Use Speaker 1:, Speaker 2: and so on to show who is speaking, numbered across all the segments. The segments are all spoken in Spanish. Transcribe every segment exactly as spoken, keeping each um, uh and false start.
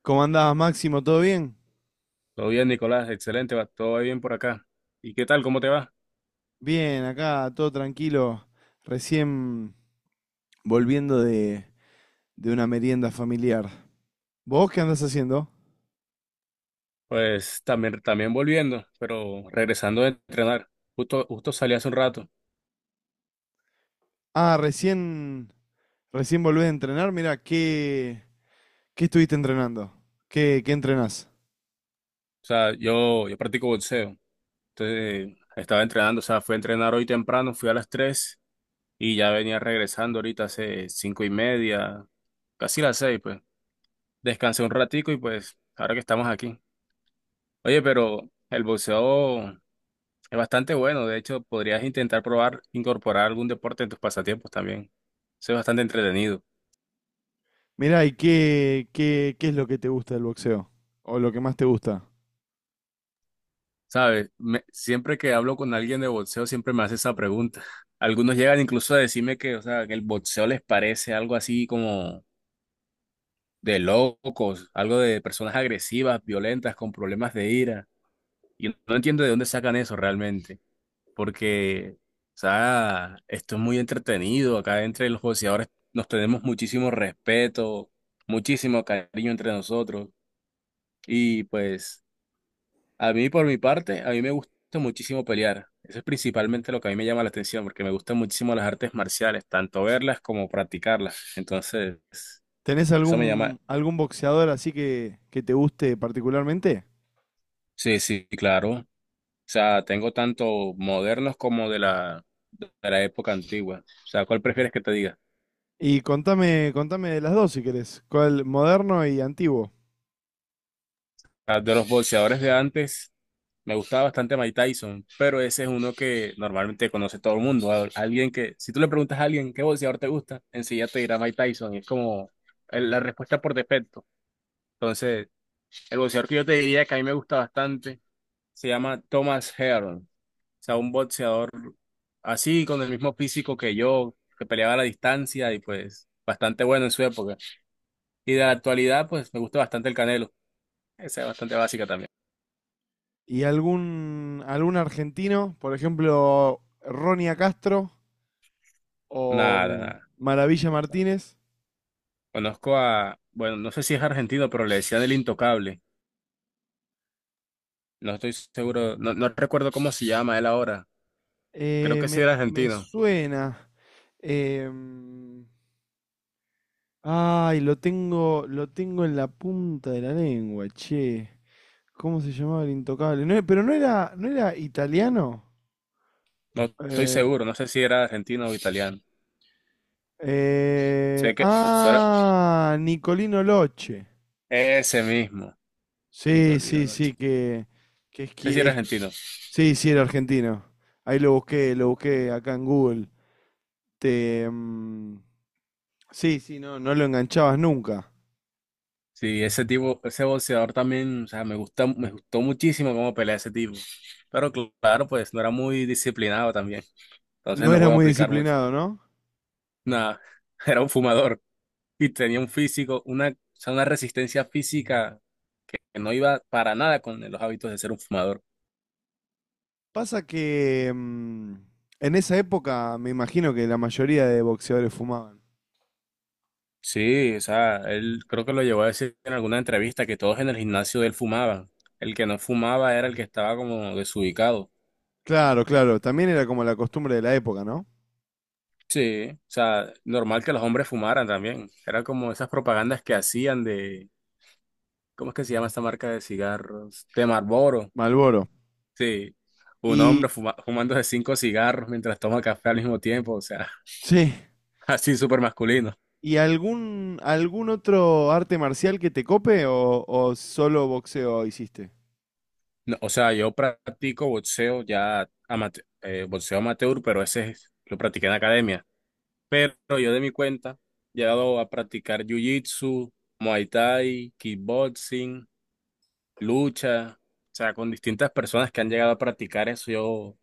Speaker 1: ¿Cómo andás, Máximo? ¿Todo bien?
Speaker 2: Todo bien, Nicolás, excelente, va todo bien por acá. ¿Y qué tal? ¿Cómo te va?
Speaker 1: Bien, acá todo tranquilo. Recién volviendo de, de una merienda familiar. ¿Vos qué andás haciendo?
Speaker 2: Pues también, también volviendo, pero regresando de entrenar. Justo, justo salí hace un rato. O
Speaker 1: Ah, recién, recién volvés a entrenar. Mirá, ¿qué, ¿qué estuviste entrenando? ¿Qué, ¿qué entrenás?
Speaker 2: sea, yo, yo practico boxeo. Entonces, estaba entrenando, o sea, fui a entrenar hoy temprano, fui a las tres y ya venía regresando ahorita hace cinco y media, casi las seis, pues. Descansé un ratico y pues, ahora que estamos aquí. Oye, pero el boxeo es bastante bueno, de hecho, podrías intentar probar incorporar algún deporte en tus pasatiempos también. Eso es bastante entretenido.
Speaker 1: Mirá, ¿y qué, qué, ¿qué es lo que te gusta del boxeo? ¿O lo que más te gusta?
Speaker 2: ¿Sabes? Me- siempre que hablo con alguien de boxeo, siempre me hace esa pregunta. Algunos llegan incluso a decirme que, o sea, que el boxeo les parece algo así como de locos, algo de personas agresivas, violentas, con problemas de ira. Y no entiendo de dónde sacan eso realmente, porque, o sea, esto es muy entretenido. Acá entre los boxeadores nos tenemos muchísimo respeto, muchísimo cariño entre nosotros. Y pues, a mí por mi parte, a mí me gusta muchísimo pelear. Eso es principalmente lo que a mí me llama la atención, porque me gustan muchísimo las artes marciales, tanto verlas como practicarlas. Entonces,
Speaker 1: ¿Tenés
Speaker 2: eso me llama,
Speaker 1: algún, algún boxeador así que, que te guste particularmente?
Speaker 2: sí, sí, claro. O sea, tengo tanto modernos como de la, de la época antigua. O sea, ¿cuál prefieres que te diga?
Speaker 1: Y contame, contame de las dos si querés. ¿Cuál, moderno y antiguo?
Speaker 2: Ah, de los boxeadores de antes. Me gustaba bastante Mike Tyson, pero ese es uno que normalmente conoce todo el mundo. Al- Alguien que, si tú le preguntas a alguien qué boxeador te gusta, enseguida te dirá Mike Tyson, y es como el- la respuesta por defecto. Entonces, el boxeador que yo te diría que a mí me gusta bastante se llama Thomas Heron. O sea, un boxeador así, con el mismo físico que yo, que peleaba a la distancia y pues bastante bueno en su época. Y de la actualidad, pues me gusta bastante el Canelo. Esa es bastante básica también.
Speaker 1: ¿Y algún, algún argentino? Por ejemplo, Ronia Castro
Speaker 2: Nada,
Speaker 1: o
Speaker 2: nada.
Speaker 1: Maravilla Martínez.
Speaker 2: Conozco a, bueno, no sé si es argentino, pero le decían el intocable. No estoy seguro, no, no recuerdo cómo se llama él ahora. Creo
Speaker 1: Eh,
Speaker 2: que sí
Speaker 1: me,
Speaker 2: era
Speaker 1: me
Speaker 2: argentino.
Speaker 1: suena. em, Ay, lo tengo, lo tengo en la punta de la lengua, che. ¿Cómo se llamaba el intocable? No, e- pero no era, no era italiano.
Speaker 2: No estoy
Speaker 1: Eh,
Speaker 2: seguro, no sé si era argentino o italiano.
Speaker 1: eh,
Speaker 2: Sé que solo-
Speaker 1: ah, Nicolino Loche.
Speaker 2: ese mismo,
Speaker 1: Sí,
Speaker 2: Nicolino
Speaker 1: sí,
Speaker 2: Roche.
Speaker 1: sí, que, que
Speaker 2: No sé si era
Speaker 1: esqui-
Speaker 2: argentino.
Speaker 1: sí, sí, era argentino. Ahí lo busqué, lo busqué acá en Google. Te, mm, sí, sí, no, no lo enganchabas nunca.
Speaker 2: Sí, ese tipo, ese boxeador también, o sea, me gusta, me gustó muchísimo cómo pelea ese tipo. Pero cl- claro, pues no era muy disciplinado también. Entonces
Speaker 1: No
Speaker 2: no
Speaker 1: era
Speaker 2: puedo
Speaker 1: muy
Speaker 2: aplicar mucho.
Speaker 1: disciplinado, ¿no?
Speaker 2: Nada, era un fumador, y tenía un físico, una, o sea, una resistencia física que no iba para nada con los hábitos de ser un fumador.
Speaker 1: Pasa que mm, en esa época me imagino que la mayoría de boxeadores fumaban.
Speaker 2: Sí, o sea, él creo que lo llevó a decir en alguna entrevista que todos en el gimnasio de él fumaban. El que no fumaba era el que estaba como desubicado.
Speaker 1: Claro, claro, también era como la costumbre de la época, ¿no?
Speaker 2: Sí, o sea, normal que los hombres fumaran también. Era como esas propagandas que hacían de, ¿cómo es que se llama esta marca de cigarros? De Marlboro.
Speaker 1: Malboro.
Speaker 2: Sí, un
Speaker 1: Y,
Speaker 2: hombre fuma- fumándose cinco cigarros mientras toma café al mismo tiempo, o sea,
Speaker 1: sí,
Speaker 2: así súper masculino.
Speaker 1: ¿y algún, algún otro arte marcial que te cope o, o solo boxeo hiciste?
Speaker 2: No, o sea, yo practico boxeo ya amate- eh, boxeo amateur, pero ese es- lo practiqué en la academia. Pero yo de mi cuenta he llegado a practicar jiu-jitsu, muay thai, kickboxing, lucha, o sea, con distintas personas que han llegado a practicar eso. Yo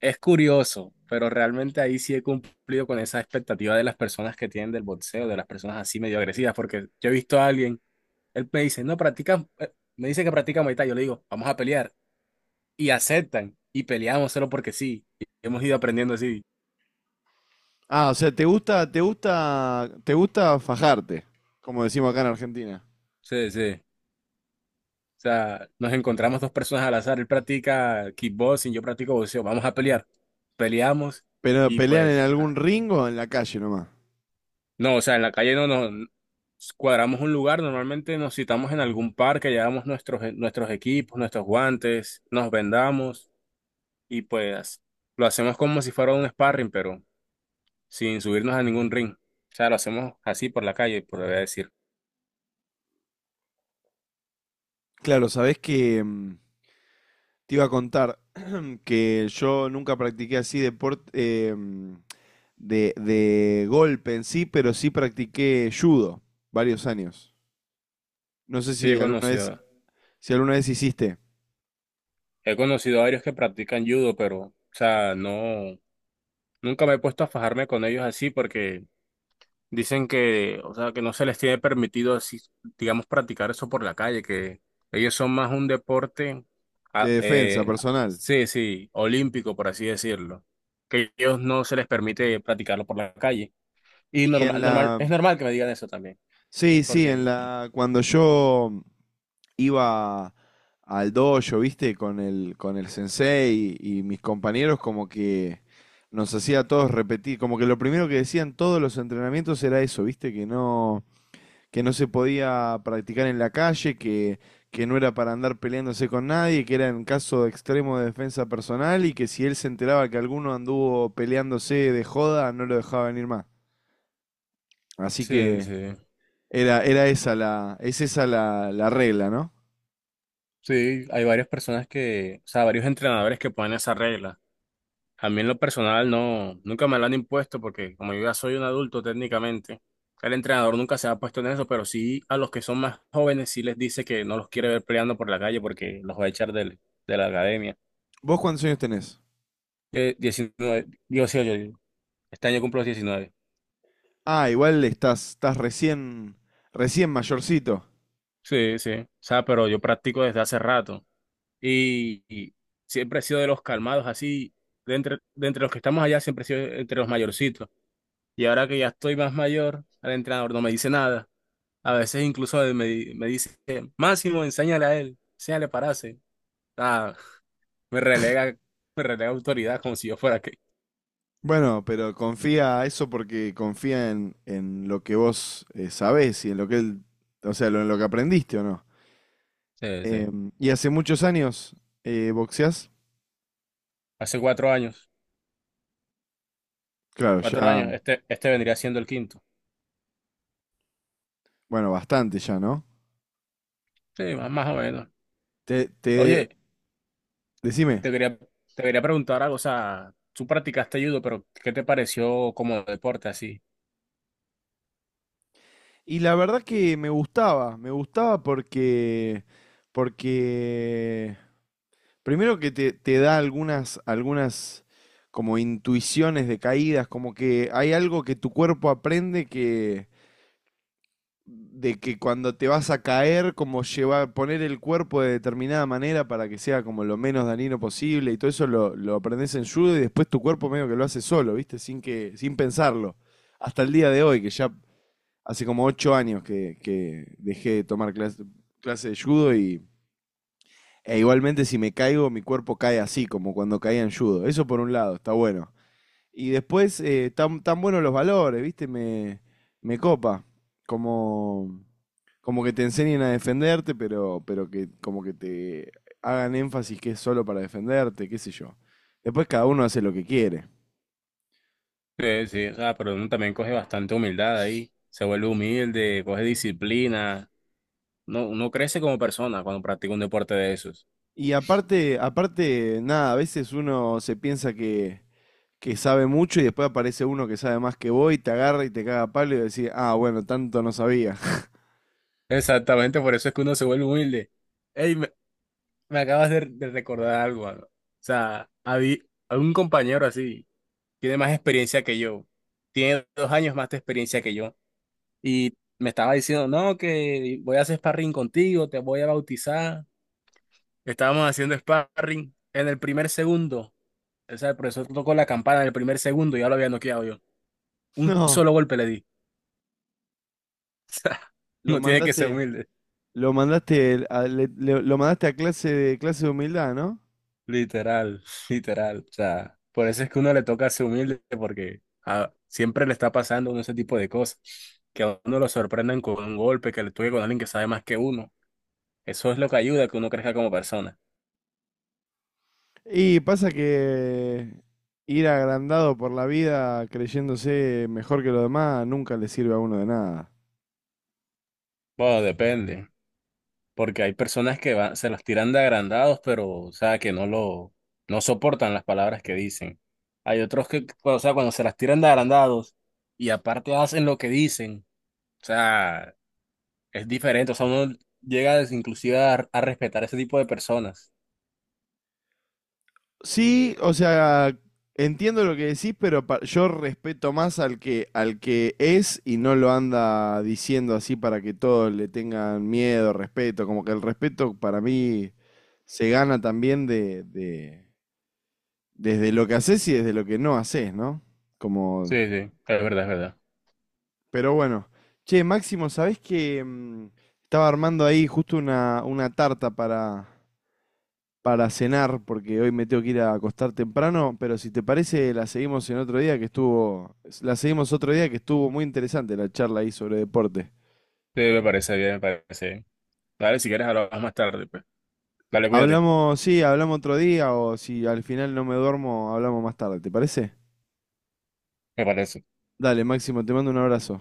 Speaker 2: es curioso, pero realmente ahí sí he cumplido con esa expectativa de las personas que tienen del boxeo, de las personas así medio agresivas, porque yo he visto a alguien, él me dice, "No practica, eh, me dice que practica muay thai", yo le digo, "Vamos a pelear", y aceptan y peleamos solo porque sí. Y hemos ido aprendiendo así.
Speaker 1: Ah, o sea, te gusta, te gusta, te gusta fajarte, como decimos acá en Argentina.
Speaker 2: Sí, sí. O sea, nos encontramos dos personas al azar. Él practica kickboxing, yo practico boxeo. Vamos a pelear. Peleamos
Speaker 1: Pero
Speaker 2: y
Speaker 1: pelean en
Speaker 2: pues...
Speaker 1: algún
Speaker 2: ah.
Speaker 1: ring o en la calle nomás.
Speaker 2: No, o sea, en la calle no nos cuadramos un lugar. Normalmente nos citamos en algún parque, llevamos nuestros, nuestros, equipos, nuestros guantes, nos vendamos y pues lo hacemos como si fuera un sparring, pero sin subirnos a ningún ring. O sea, lo hacemos así por la calle, por decir.
Speaker 1: Claro, sabés que mm, te iba a contar que yo nunca practiqué así deporte eh, mm, de, de golpe en sí, pero sí practiqué judo varios años. No sé
Speaker 2: Sí, yo
Speaker 1: si alguna
Speaker 2: conocí.
Speaker 1: vez, si alguna vez hiciste
Speaker 2: He conocido a varios que practican judo, pero, o sea, no, nunca me he puesto a fajarme con ellos así porque dicen que, o sea, que no se les tiene permitido así, digamos, practicar eso por la calle, que ellos son más un deporte,
Speaker 1: de
Speaker 2: ah,
Speaker 1: defensa
Speaker 2: eh,
Speaker 1: personal.
Speaker 2: sí, sí, olímpico, por así decirlo, que ellos no se les permite practicarlo por la calle. Y
Speaker 1: Y en
Speaker 2: normal, normal,
Speaker 1: la,
Speaker 2: es normal que me digan eso también,
Speaker 1: sí, sí, en
Speaker 2: porque
Speaker 1: la, cuando yo iba al dojo, ¿viste? Con el, con el sensei y, y mis compañeros como que nos hacía a todos repetir, como que lo primero que decían todos los entrenamientos era eso, ¿viste? Que no, que no se podía practicar en la calle, que, que no era para andar peleándose con nadie, que era en caso extremo de defensa personal y que si él se enteraba que alguno anduvo peleándose de joda, no lo dejaba venir más. Así
Speaker 2: sí,
Speaker 1: que
Speaker 2: sí,
Speaker 1: era, era esa la, es esa la, la regla, ¿no?
Speaker 2: sí, hay varias personas que, o sea, varios entrenadores que ponen esa regla. A mí en lo personal no, nunca me lo han impuesto porque como yo ya soy un adulto técnicamente, el entrenador nunca se ha puesto en eso, pero sí a los que son más jóvenes sí les dice que no los quiere ver peleando por la calle porque los va a echar del- de la academia.
Speaker 1: ¿Vos cuántos años tenés?
Speaker 2: Eh, diecinueve, digo, sí, yo, yo- este año cumplo los diecinueve.
Speaker 1: Ah, igual estás, estás recién, recién mayorcito.
Speaker 2: Sí, sí, o sea, pero yo practico desde hace rato y, y, siempre he sido de los calmados, así, de entre, de entre los que estamos allá siempre he sido entre los mayorcitos. Y ahora que ya estoy más mayor, el entrenador no me dice nada. A veces incluso me, me, dice, Máximo, enséñale a él, enséñale pararse. Ah, me relega, me relega autoridad como si yo fuera que.
Speaker 1: Bueno, pero confía eso porque confía en, en lo que vos eh, sabés y en lo que él, o sea, lo, en lo que aprendiste o no.
Speaker 2: Sí, sí.
Speaker 1: Em, ¿y hace muchos años eh, boxeás?
Speaker 2: Hace cuatro años,
Speaker 1: Claro,
Speaker 2: cuatro
Speaker 1: ya,
Speaker 2: años, este, este, vendría siendo el quinto.
Speaker 1: bueno, bastante ya, ¿no?
Speaker 2: Sí, más, más o menos.
Speaker 1: Te, te,
Speaker 2: Oye,
Speaker 1: decime.
Speaker 2: te quería, te quería preguntar algo, o sea, tú practicaste judo, pero ¿qué te pareció como deporte así?
Speaker 1: Y la verdad que me gustaba, me gustaba porque, porque primero que te, te da algunas, algunas como intuiciones de caídas, como que hay algo que tu cuerpo aprende que de que cuando te vas a caer, como llevar, poner el cuerpo de determinada manera para que sea como lo menos dañino posible y todo eso lo, lo aprendes en judo y después tu cuerpo medio que lo hace solo, ¿viste? Sin que, sin pensarlo. Hasta el día de hoy, que ya hace como ocho años que, que dejé de tomar clase, clase de judo y, e igualmente si me caigo, mi cuerpo cae así, como cuando caía en judo. Eso por un lado, está bueno. Y después, eh, tan, tan buenos los valores, ¿viste? Me, me copa. Como, como que te enseñen a defenderte, pero, pero que como que te hagan énfasis que es solo para defenderte, qué sé yo. Después cada uno hace lo que quiere.
Speaker 2: Sí, sí, o sea, pero uno también coge bastante humildad ahí, se vuelve humilde, coge disciplina, no, uno crece como persona cuando practica un deporte de esos.
Speaker 1: Y aparte, aparte, nada, a veces uno se piensa que, que sabe mucho y después aparece uno que sabe más que vos y te agarra y te caga a palo y decís, ah, bueno, tanto no sabía.
Speaker 2: Exactamente, por eso es que uno se vuelve humilde. Ey, me, me, acabas de, de recordar algo, mano. O sea, habí- algún compañero así tiene más experiencia que yo, tiene dos años más de experiencia que yo, y me estaba diciendo, no, que voy a hacer sparring contigo, te voy a bautizar. Estábamos haciendo sparring en el primer segundo. O sea, el profesor tocó la campana en el primer segundo y ya lo había noqueado yo. Un
Speaker 1: No,
Speaker 2: solo golpe le di. O sea,
Speaker 1: lo
Speaker 2: uno tiene que ser
Speaker 1: mandaste,
Speaker 2: humilde.
Speaker 1: lo mandaste a, le- le- lo mandaste a clase de clase de humildad, ¿no?
Speaker 2: Literal, literal. O sea, por eso es que uno le toca ser humilde, porque ah, siempre le está pasando a uno ese tipo de cosas. Que a uno lo sorprendan con un golpe, que le toque con alguien que sabe más que uno. Eso es lo que ayuda a que uno crezca como persona.
Speaker 1: Y pasa que ir agrandado por la vida creyéndose mejor que los demás nunca le sirve a uno de nada.
Speaker 2: Bueno, depende, porque hay personas que van, se los tiran de agrandados, pero, o sea, que no lo, no soportan las palabras que dicen. Hay otros que, o sea, cuando se las tiran de agrandados y aparte hacen lo que dicen, o sea. Es diferente, o sea, uno llega des- inclusive a, a respetar ese tipo de personas.
Speaker 1: Sí, o sea, entiendo lo que decís, pero pa- yo respeto más al que, al que es y no lo anda diciendo así para que todos le tengan miedo, respeto. Como que el respeto para mí se gana también de, de- desde lo que haces y desde lo que no haces, ¿no? Como,
Speaker 2: Sí, sí, es verdad, es verdad.
Speaker 1: pero bueno. Che, Máximo, ¿sabés que mm, estaba armando ahí justo una, una tarta para, para cenar, porque hoy me tengo que ir a acostar temprano, pero si te parece, la seguimos en otro día que estuvo, la seguimos otro día que estuvo muy interesante la charla ahí sobre deporte.
Speaker 2: Sí, me parece bien, me parece bien. Dale, si quieres, hablamos más tarde, pues. Dale, cuídate.
Speaker 1: Hablamos, sí, hablamos otro día, o si al final no me duermo, hablamos más tarde, ¿te parece?
Speaker 2: Me parece.
Speaker 1: Dale, Máximo, te mando un abrazo.